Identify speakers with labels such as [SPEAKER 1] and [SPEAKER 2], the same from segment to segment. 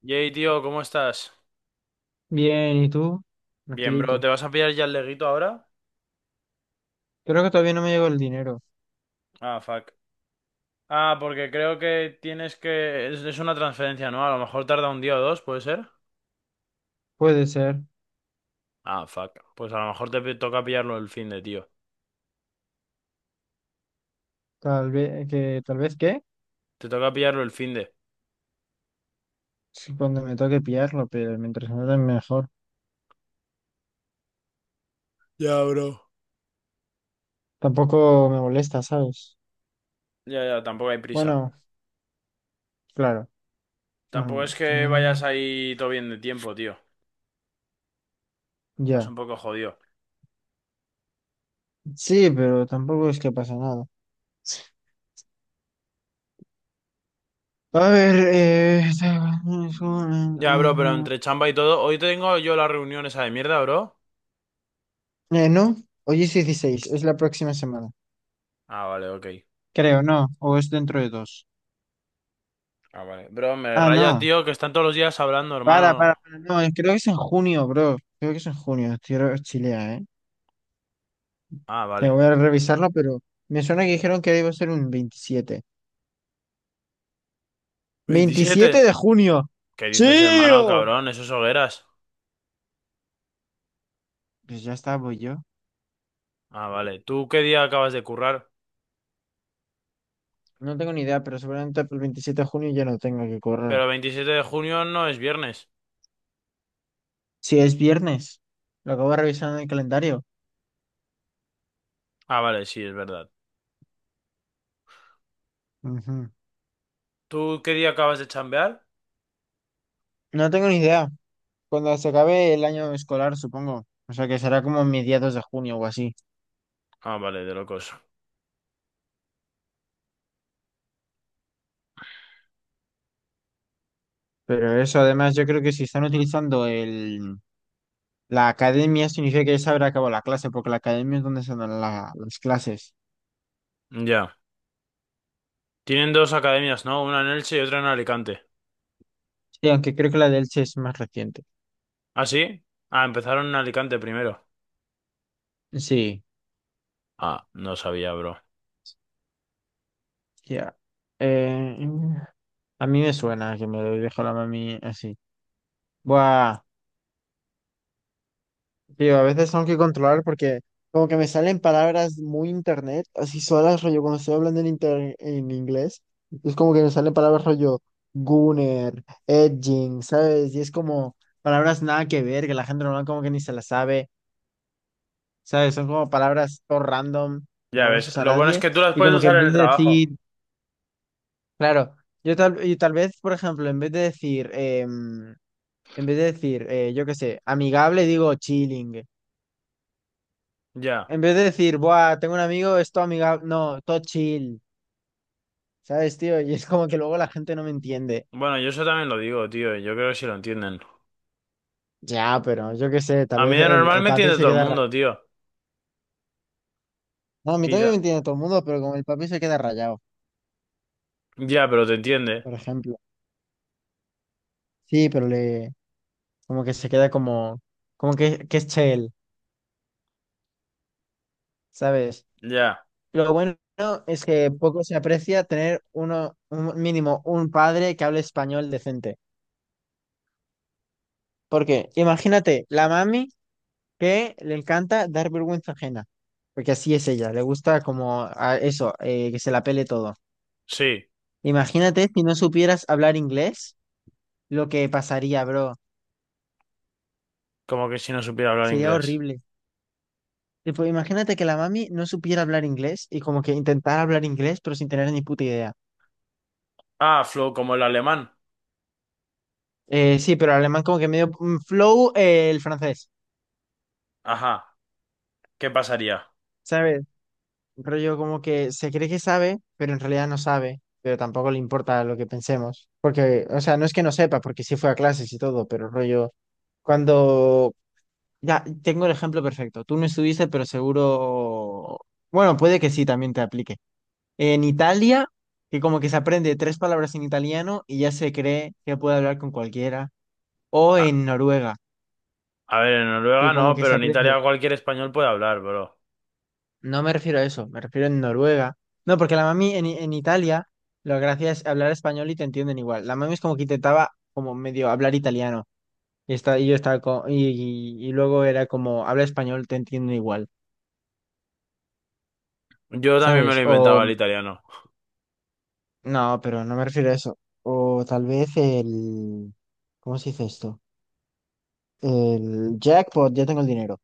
[SPEAKER 1] Yay, tío, ¿cómo estás?
[SPEAKER 2] Bien, ¿y tú?
[SPEAKER 1] Bien, bro,
[SPEAKER 2] Tranquilico.
[SPEAKER 1] ¿te vas a pillar ya el leguito ahora?
[SPEAKER 2] Creo que todavía no me llegó el dinero.
[SPEAKER 1] Ah, fuck. Ah, porque creo que tienes que... Es una transferencia, ¿no? A lo mejor tarda un día o dos, ¿puede ser?
[SPEAKER 2] Puede ser.
[SPEAKER 1] Ah, fuck. Pues a lo mejor toca pillarlo el finde, tío.
[SPEAKER 2] Tal vez que,
[SPEAKER 1] Te toca pillarlo el finde.
[SPEAKER 2] sí, cuando me toque pillarlo, pero mientras me den mejor.
[SPEAKER 1] Ya, bro.
[SPEAKER 2] Tampoco me molesta, ¿sabes?
[SPEAKER 1] Ya, ya, tampoco hay prisa.
[SPEAKER 2] Bueno, claro. Ah,
[SPEAKER 1] Tampoco es
[SPEAKER 2] ok.
[SPEAKER 1] que vayas ahí todo bien de tiempo, tío. Vas
[SPEAKER 2] Ya.
[SPEAKER 1] un poco jodido.
[SPEAKER 2] Sí, pero tampoco es que pasa nada. A ver,
[SPEAKER 1] Ya, bro, pero entre chamba y todo, hoy tengo yo la reunión esa de mierda, bro.
[SPEAKER 2] no, hoy es 16, es la próxima semana.
[SPEAKER 1] Ah, vale, ok.
[SPEAKER 2] Creo, no, o es dentro de dos.
[SPEAKER 1] Ah, vale. Bro, me
[SPEAKER 2] Ah,
[SPEAKER 1] raya,
[SPEAKER 2] no.
[SPEAKER 1] tío, que están todos los días hablando, hermano.
[SPEAKER 2] Para, no, creo que es en junio, bro. Creo que es en junio, estoy chilea, ¿eh?
[SPEAKER 1] Ah, vale.
[SPEAKER 2] Tengo que revisarlo, pero me suena que dijeron que iba a ser un veintisiete
[SPEAKER 1] 27,
[SPEAKER 2] de junio.
[SPEAKER 1] ¿qué dices, hermano,
[SPEAKER 2] ¡Chío!
[SPEAKER 1] cabrón? Esos hogueras.
[SPEAKER 2] Pues ya está, voy yo.
[SPEAKER 1] Ah, vale. ¿Tú qué día acabas de currar?
[SPEAKER 2] No tengo ni idea, pero seguramente el 27 de junio ya no tengo que correr.
[SPEAKER 1] Pero 27 de junio no es viernes.
[SPEAKER 2] Si es viernes, lo acabo de revisar en el calendario.
[SPEAKER 1] Ah, vale, sí, es verdad.
[SPEAKER 2] Ujú.
[SPEAKER 1] ¿Tú qué día acabas de chambear?
[SPEAKER 2] No tengo ni idea. Cuando se acabe el año escolar, supongo. O sea, que será como mediados de junio o así.
[SPEAKER 1] Ah, vale, de locos.
[SPEAKER 2] Pero eso, además, yo creo que si están utilizando el... La academia significa que ya se habrá acabado la clase, porque la academia es donde se dan las clases.
[SPEAKER 1] Ya. Tienen dos academias, ¿no? Una en Elche y otra en Alicante.
[SPEAKER 2] Sí, aunque creo que la del Che es más reciente.
[SPEAKER 1] ¿Ah, sí? Ah, empezaron en Alicante primero.
[SPEAKER 2] Sí,
[SPEAKER 1] Ah, no sabía, bro.
[SPEAKER 2] ya. Eh, a mí me suena que me lo dijo la mami así. Buah, tío, a veces tengo que controlar porque como que me salen palabras muy internet, así solas, rollo, cuando estoy hablando en inglés, es como que me salen palabras rollo gunner, edging, ¿sabes? Y es como palabras nada que ver, que la gente normal como que ni se las sabe. ¿Sabes? Son como palabras todo random que
[SPEAKER 1] Ya
[SPEAKER 2] no las
[SPEAKER 1] ves,
[SPEAKER 2] usa
[SPEAKER 1] lo bueno es
[SPEAKER 2] nadie.
[SPEAKER 1] que tú las
[SPEAKER 2] Y
[SPEAKER 1] puedes
[SPEAKER 2] como que en
[SPEAKER 1] usar en
[SPEAKER 2] vez
[SPEAKER 1] el
[SPEAKER 2] de decir,
[SPEAKER 1] trabajo.
[SPEAKER 2] claro, yo tal, y tal vez, por ejemplo, en vez de decir, yo qué sé, amigable, digo chilling.
[SPEAKER 1] Ya.
[SPEAKER 2] En vez de decir, buah, tengo un amigo, es todo amigable, no, todo chill, ¿sabes, tío? Y es como que luego la gente no me entiende.
[SPEAKER 1] Bueno, yo eso también lo digo, tío. Yo creo que sí lo entienden.
[SPEAKER 2] Ya, pero yo qué sé, tal
[SPEAKER 1] A
[SPEAKER 2] vez
[SPEAKER 1] mí de
[SPEAKER 2] el,
[SPEAKER 1] normal
[SPEAKER 2] el
[SPEAKER 1] me
[SPEAKER 2] papi
[SPEAKER 1] entiende
[SPEAKER 2] se
[SPEAKER 1] todo el
[SPEAKER 2] queda rayado.
[SPEAKER 1] mundo, tío.
[SPEAKER 2] No, a mí
[SPEAKER 1] Y
[SPEAKER 2] también me
[SPEAKER 1] da-
[SPEAKER 2] entiende todo el mundo, pero como el papi se queda rayado,
[SPEAKER 1] Ya, pero te entiende.
[SPEAKER 2] por ejemplo. Sí, pero le, como que se queda como, como que es chel. ¿Sabes?
[SPEAKER 1] Ya,
[SPEAKER 2] Lo bueno es que poco se aprecia tener uno, un mínimo un padre que hable español decente. Porque imagínate, la mami que le encanta dar vergüenza ajena, porque así es ella, le gusta como a eso, que se la pele todo.
[SPEAKER 1] sí,
[SPEAKER 2] Imagínate si no supieras hablar inglés, lo que pasaría, bro,
[SPEAKER 1] como que si no supiera hablar
[SPEAKER 2] sería
[SPEAKER 1] inglés.
[SPEAKER 2] horrible. Tipo, imagínate que la mami no supiera hablar inglés y como que intentara hablar inglés, pero sin tener ni puta idea.
[SPEAKER 1] Ah, flow, como el alemán.
[SPEAKER 2] Sí, pero alemán como que medio flow, el francés.
[SPEAKER 1] Ajá, ¿qué pasaría?
[SPEAKER 2] ¿Sabes? Rollo como que se cree que sabe, pero en realidad no sabe, pero tampoco le importa lo que pensemos. Porque, o sea, no es que no sepa, porque sí fue a clases y todo, pero rollo, cuando... Ya, tengo el ejemplo perfecto. Tú no estuviste, pero seguro... Bueno, puede que sí, también te aplique. En Italia, que como que se aprende tres palabras en italiano y ya se cree que puede hablar con cualquiera. O
[SPEAKER 1] A,
[SPEAKER 2] en Noruega,
[SPEAKER 1] a ver, en
[SPEAKER 2] que
[SPEAKER 1] Noruega
[SPEAKER 2] como
[SPEAKER 1] no,
[SPEAKER 2] que se
[SPEAKER 1] pero en
[SPEAKER 2] aprende
[SPEAKER 1] Italia cualquier español puede hablar, bro.
[SPEAKER 2] no me refiero a eso, me refiero en Noruega. No, porque la mami en Italia, la gracia es hablar español y te entienden igual. La mami es como que intentaba como medio hablar italiano. Y yo estaba y luego era como, habla español, te entienden igual,
[SPEAKER 1] Yo también me
[SPEAKER 2] ¿sabes?
[SPEAKER 1] lo
[SPEAKER 2] O,
[SPEAKER 1] inventaba el italiano.
[SPEAKER 2] no, pero no me refiero a eso. O tal vez el, ¿cómo se dice esto? El jackpot, ya tengo el dinero.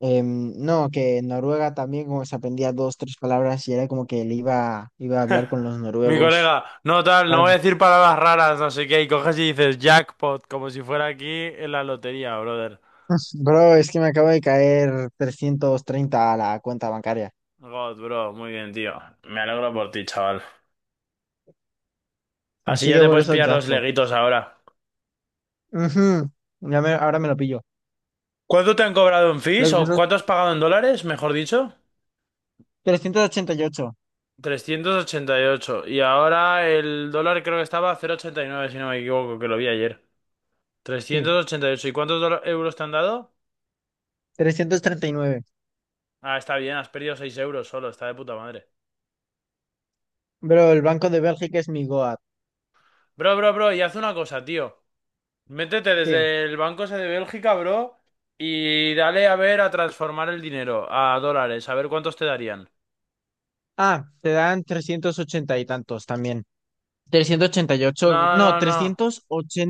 [SPEAKER 2] No, que en Noruega también como se aprendía dos, tres palabras y era como que le iba a hablar con los
[SPEAKER 1] Mi
[SPEAKER 2] noruegos.
[SPEAKER 1] colega, no tal, no voy a decir palabras raras, no sé qué, y coges y dices jackpot, como si fuera aquí en la lotería, brother.
[SPEAKER 2] Bro, es que me acaba de caer 330 a la cuenta bancaria.
[SPEAKER 1] God, bro, muy bien, tío. Me alegro por ti, chaval. Así
[SPEAKER 2] Así
[SPEAKER 1] ya
[SPEAKER 2] que
[SPEAKER 1] te
[SPEAKER 2] por
[SPEAKER 1] puedes
[SPEAKER 2] eso
[SPEAKER 1] pillar los
[SPEAKER 2] jackpot.
[SPEAKER 1] leguitos ahora.
[SPEAKER 2] Ujú, ahora me lo pillo.
[SPEAKER 1] ¿Cuánto te han cobrado en
[SPEAKER 2] Creo
[SPEAKER 1] fees
[SPEAKER 2] que
[SPEAKER 1] o
[SPEAKER 2] puso
[SPEAKER 1] cuánto has pagado en dólares, mejor dicho?
[SPEAKER 2] 388.
[SPEAKER 1] 388. Y ocho. Y ahora el dólar creo que estaba a 0,89, si no me equivoco, que lo vi ayer.
[SPEAKER 2] Sí,
[SPEAKER 1] 388. ¿Y ocho? ¿Y cuántos euros te han dado?
[SPEAKER 2] 339.
[SPEAKER 1] Ah, está bien, has perdido 6 euros solo, está de puta madre.
[SPEAKER 2] Bro, el Banco de Bélgica es mi Goat.
[SPEAKER 1] Bro, bro, bro, y haz una cosa, tío. Métete
[SPEAKER 2] ¿Qué?
[SPEAKER 1] desde el banco ese de Bélgica, bro, y dale a ver a transformar el dinero a dólares, a ver cuántos te darían.
[SPEAKER 2] Ah, te dan 380 y tantos también. 388,
[SPEAKER 1] No,
[SPEAKER 2] no,
[SPEAKER 1] no, no.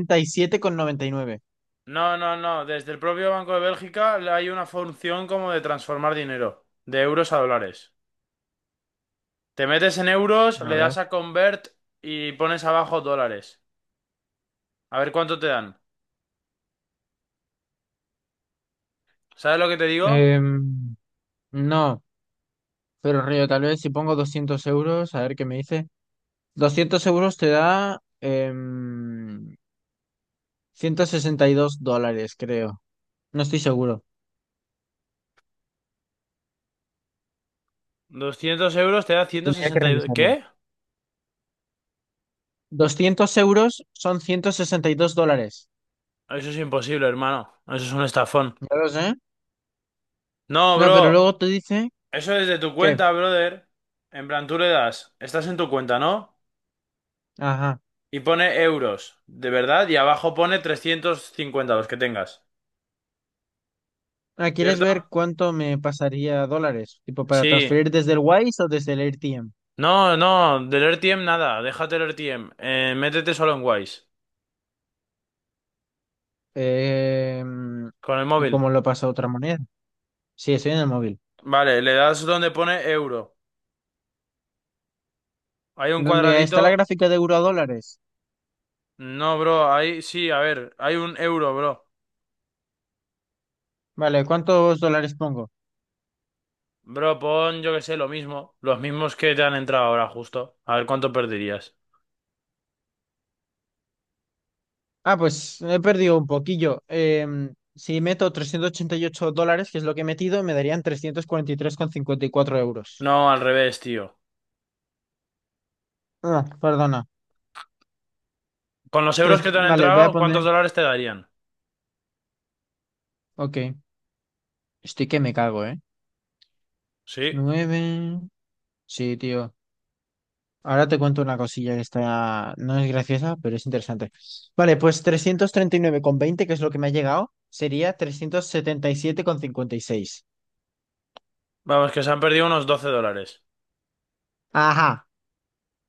[SPEAKER 2] 387,99.
[SPEAKER 1] No, no, no. Desde el propio Banco de Bélgica hay una función como de transformar dinero de euros a dólares. Te metes en euros,
[SPEAKER 2] A
[SPEAKER 1] le
[SPEAKER 2] ver.
[SPEAKER 1] das a convert y pones abajo dólares. A ver cuánto te dan. ¿Sabes lo que te digo?
[SPEAKER 2] Em, no, pero Río, tal vez si pongo 200 euros, a ver qué me dice. 200 € te da $162, creo. No estoy seguro.
[SPEAKER 1] 200 euros te da
[SPEAKER 2] Tendría que
[SPEAKER 1] 162...
[SPEAKER 2] revisarlo.
[SPEAKER 1] ¿Qué?
[SPEAKER 2] 200 € son $162.
[SPEAKER 1] Eso es imposible, hermano. Eso es un estafón.
[SPEAKER 2] Ya lo sé.
[SPEAKER 1] No,
[SPEAKER 2] No, pero
[SPEAKER 1] bro.
[SPEAKER 2] luego te dice
[SPEAKER 1] Eso es de tu
[SPEAKER 2] que...
[SPEAKER 1] cuenta, brother. En plan, tú le das. Estás en tu cuenta, ¿no?
[SPEAKER 2] Ajá.
[SPEAKER 1] Y pone euros, de verdad. Y abajo pone 350 los que tengas.
[SPEAKER 2] Ah, ¿quieres
[SPEAKER 1] ¿Cierto?
[SPEAKER 2] ver cuánto me pasaría dólares? Tipo, para
[SPEAKER 1] Sí.
[SPEAKER 2] transferir desde el Wise o desde el AirTM.
[SPEAKER 1] No, no. Del RTM nada. Déjate el RTM. Métete solo en Wise.
[SPEAKER 2] Em,
[SPEAKER 1] Con el
[SPEAKER 2] ¿y
[SPEAKER 1] móvil.
[SPEAKER 2] cómo lo pasa a otra moneda? Sí, estoy en el móvil.
[SPEAKER 1] Vale, le das donde pone euro. Hay un
[SPEAKER 2] ¿Dónde está la
[SPEAKER 1] cuadradito.
[SPEAKER 2] gráfica de euro a dólares?
[SPEAKER 1] No, bro, ahí sí, a ver, hay un euro, bro.
[SPEAKER 2] Vale, ¿cuántos dólares pongo?
[SPEAKER 1] Bro, pon, yo que sé, lo mismo. Los mismos que te han entrado ahora, justo. A ver cuánto perderías.
[SPEAKER 2] Ah, pues he perdido un poquillo. Si meto $388, que es lo que he metido, me darían trescientos cuarenta y tres coma cincuenta y cuatro euros.
[SPEAKER 1] No, al revés, tío.
[SPEAKER 2] Ah, perdona.
[SPEAKER 1] Con los euros
[SPEAKER 2] Tres,
[SPEAKER 1] que te han
[SPEAKER 2] vale, voy a
[SPEAKER 1] entrado,
[SPEAKER 2] poner.
[SPEAKER 1] ¿cuántos dólares te darían?
[SPEAKER 2] Ok. Estoy que me cago, ¿eh?
[SPEAKER 1] Sí.
[SPEAKER 2] Nueve. Sí, tío. Ahora te cuento una cosilla que está. No es graciosa, pero es interesante. Vale, pues 339,20, que es lo que me ha llegado, sería trescientos setenta y siete coma cincuenta y seis.
[SPEAKER 1] Vamos, que se han perdido unos 12 dólares.
[SPEAKER 2] Ajá.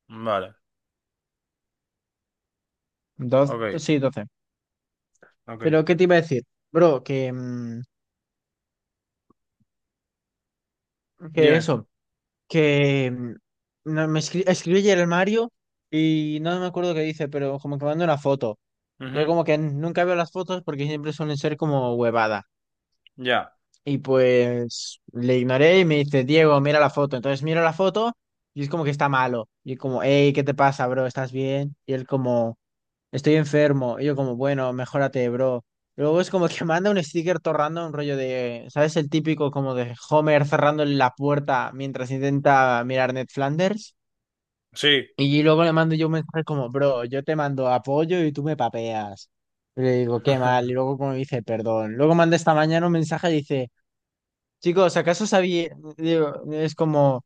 [SPEAKER 1] Vale, ok,
[SPEAKER 2] Sí, 12.
[SPEAKER 1] ok.
[SPEAKER 2] Pero, ¿qué te iba a decir? Bro, que. Mm, Que
[SPEAKER 1] Dime.
[SPEAKER 2] eso, que mm, no, me escribió ayer el Mario y no me acuerdo qué dice, pero como que manda una foto. Yo
[SPEAKER 1] Ujú,
[SPEAKER 2] como que nunca veo las fotos porque siempre suelen ser como huevada.
[SPEAKER 1] ya,
[SPEAKER 2] Y pues le ignoré y me dice, Diego, mira la foto. Entonces miro la foto y es como que está malo. Y como, hey, ¿qué te pasa, bro? ¿Estás bien? Y él como, estoy enfermo. Y yo como, bueno, mejórate, bro. Luego es como que manda un sticker torrando un rollo de, ¿sabes? El típico como de Homer cerrando la puerta mientras intenta mirar Ned Flanders.
[SPEAKER 1] sí.
[SPEAKER 2] Y luego le mando yo un mensaje como, bro, yo te mando apoyo y tú me papeas. Y le digo, qué mal. Y luego como dice, perdón. Luego manda esta mañana un mensaje y dice, chicos, ¿acaso sabía? Digo, es como,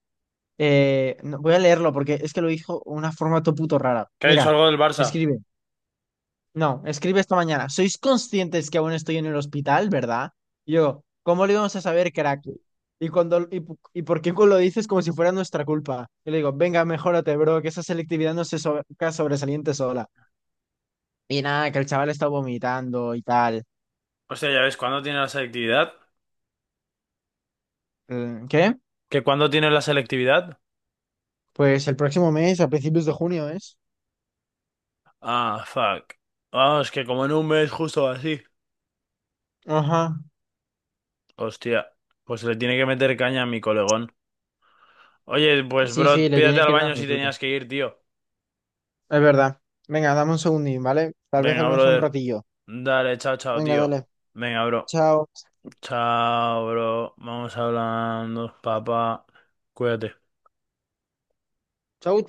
[SPEAKER 2] voy a leerlo porque es que lo dijo de una forma todo puto rara.
[SPEAKER 1] ¿Qué ha dicho
[SPEAKER 2] Mira,
[SPEAKER 1] algo del Barça?
[SPEAKER 2] escribe. No, escribe esta mañana. ¿Sois conscientes que aún estoy en el hospital, verdad? Y yo, ¿cómo lo íbamos a saber, crack? Y por qué lo dices como si fuera nuestra culpa. Y le digo, venga, mejórate, bro, que esa selectividad no se sobresalía sobresaliente sola. Y nada, que el chaval está vomitando y tal.
[SPEAKER 1] Hostia, ya ves, ¿cuándo tiene la selectividad?
[SPEAKER 2] Mm, ¿qué?
[SPEAKER 1] ¿Que cuándo tiene la selectividad?
[SPEAKER 2] Pues el próximo mes, a principios de junio, ¿es?
[SPEAKER 1] Ah, fuck. Ah, es que como en un mes justo así.
[SPEAKER 2] Ajá.
[SPEAKER 1] Hostia, pues se le tiene que meter caña a mi colegón. Oye, pues
[SPEAKER 2] Sí, sí,
[SPEAKER 1] bro,
[SPEAKER 2] le
[SPEAKER 1] pídate
[SPEAKER 2] tiene que
[SPEAKER 1] al
[SPEAKER 2] ir
[SPEAKER 1] baño
[SPEAKER 2] dando
[SPEAKER 1] si
[SPEAKER 2] duro.
[SPEAKER 1] tenías que ir, tío.
[SPEAKER 2] Es verdad. Venga, dame un segundín, ¿vale? Tal vez
[SPEAKER 1] Venga,
[SPEAKER 2] hablamos un
[SPEAKER 1] brother.
[SPEAKER 2] ratillo.
[SPEAKER 1] Dale, chao, chao,
[SPEAKER 2] Venga,
[SPEAKER 1] tío.
[SPEAKER 2] dale.
[SPEAKER 1] Venga, bro.
[SPEAKER 2] Chao.
[SPEAKER 1] Chao, bro. Vamos hablando, papá. Cuídate.
[SPEAKER 2] Chao.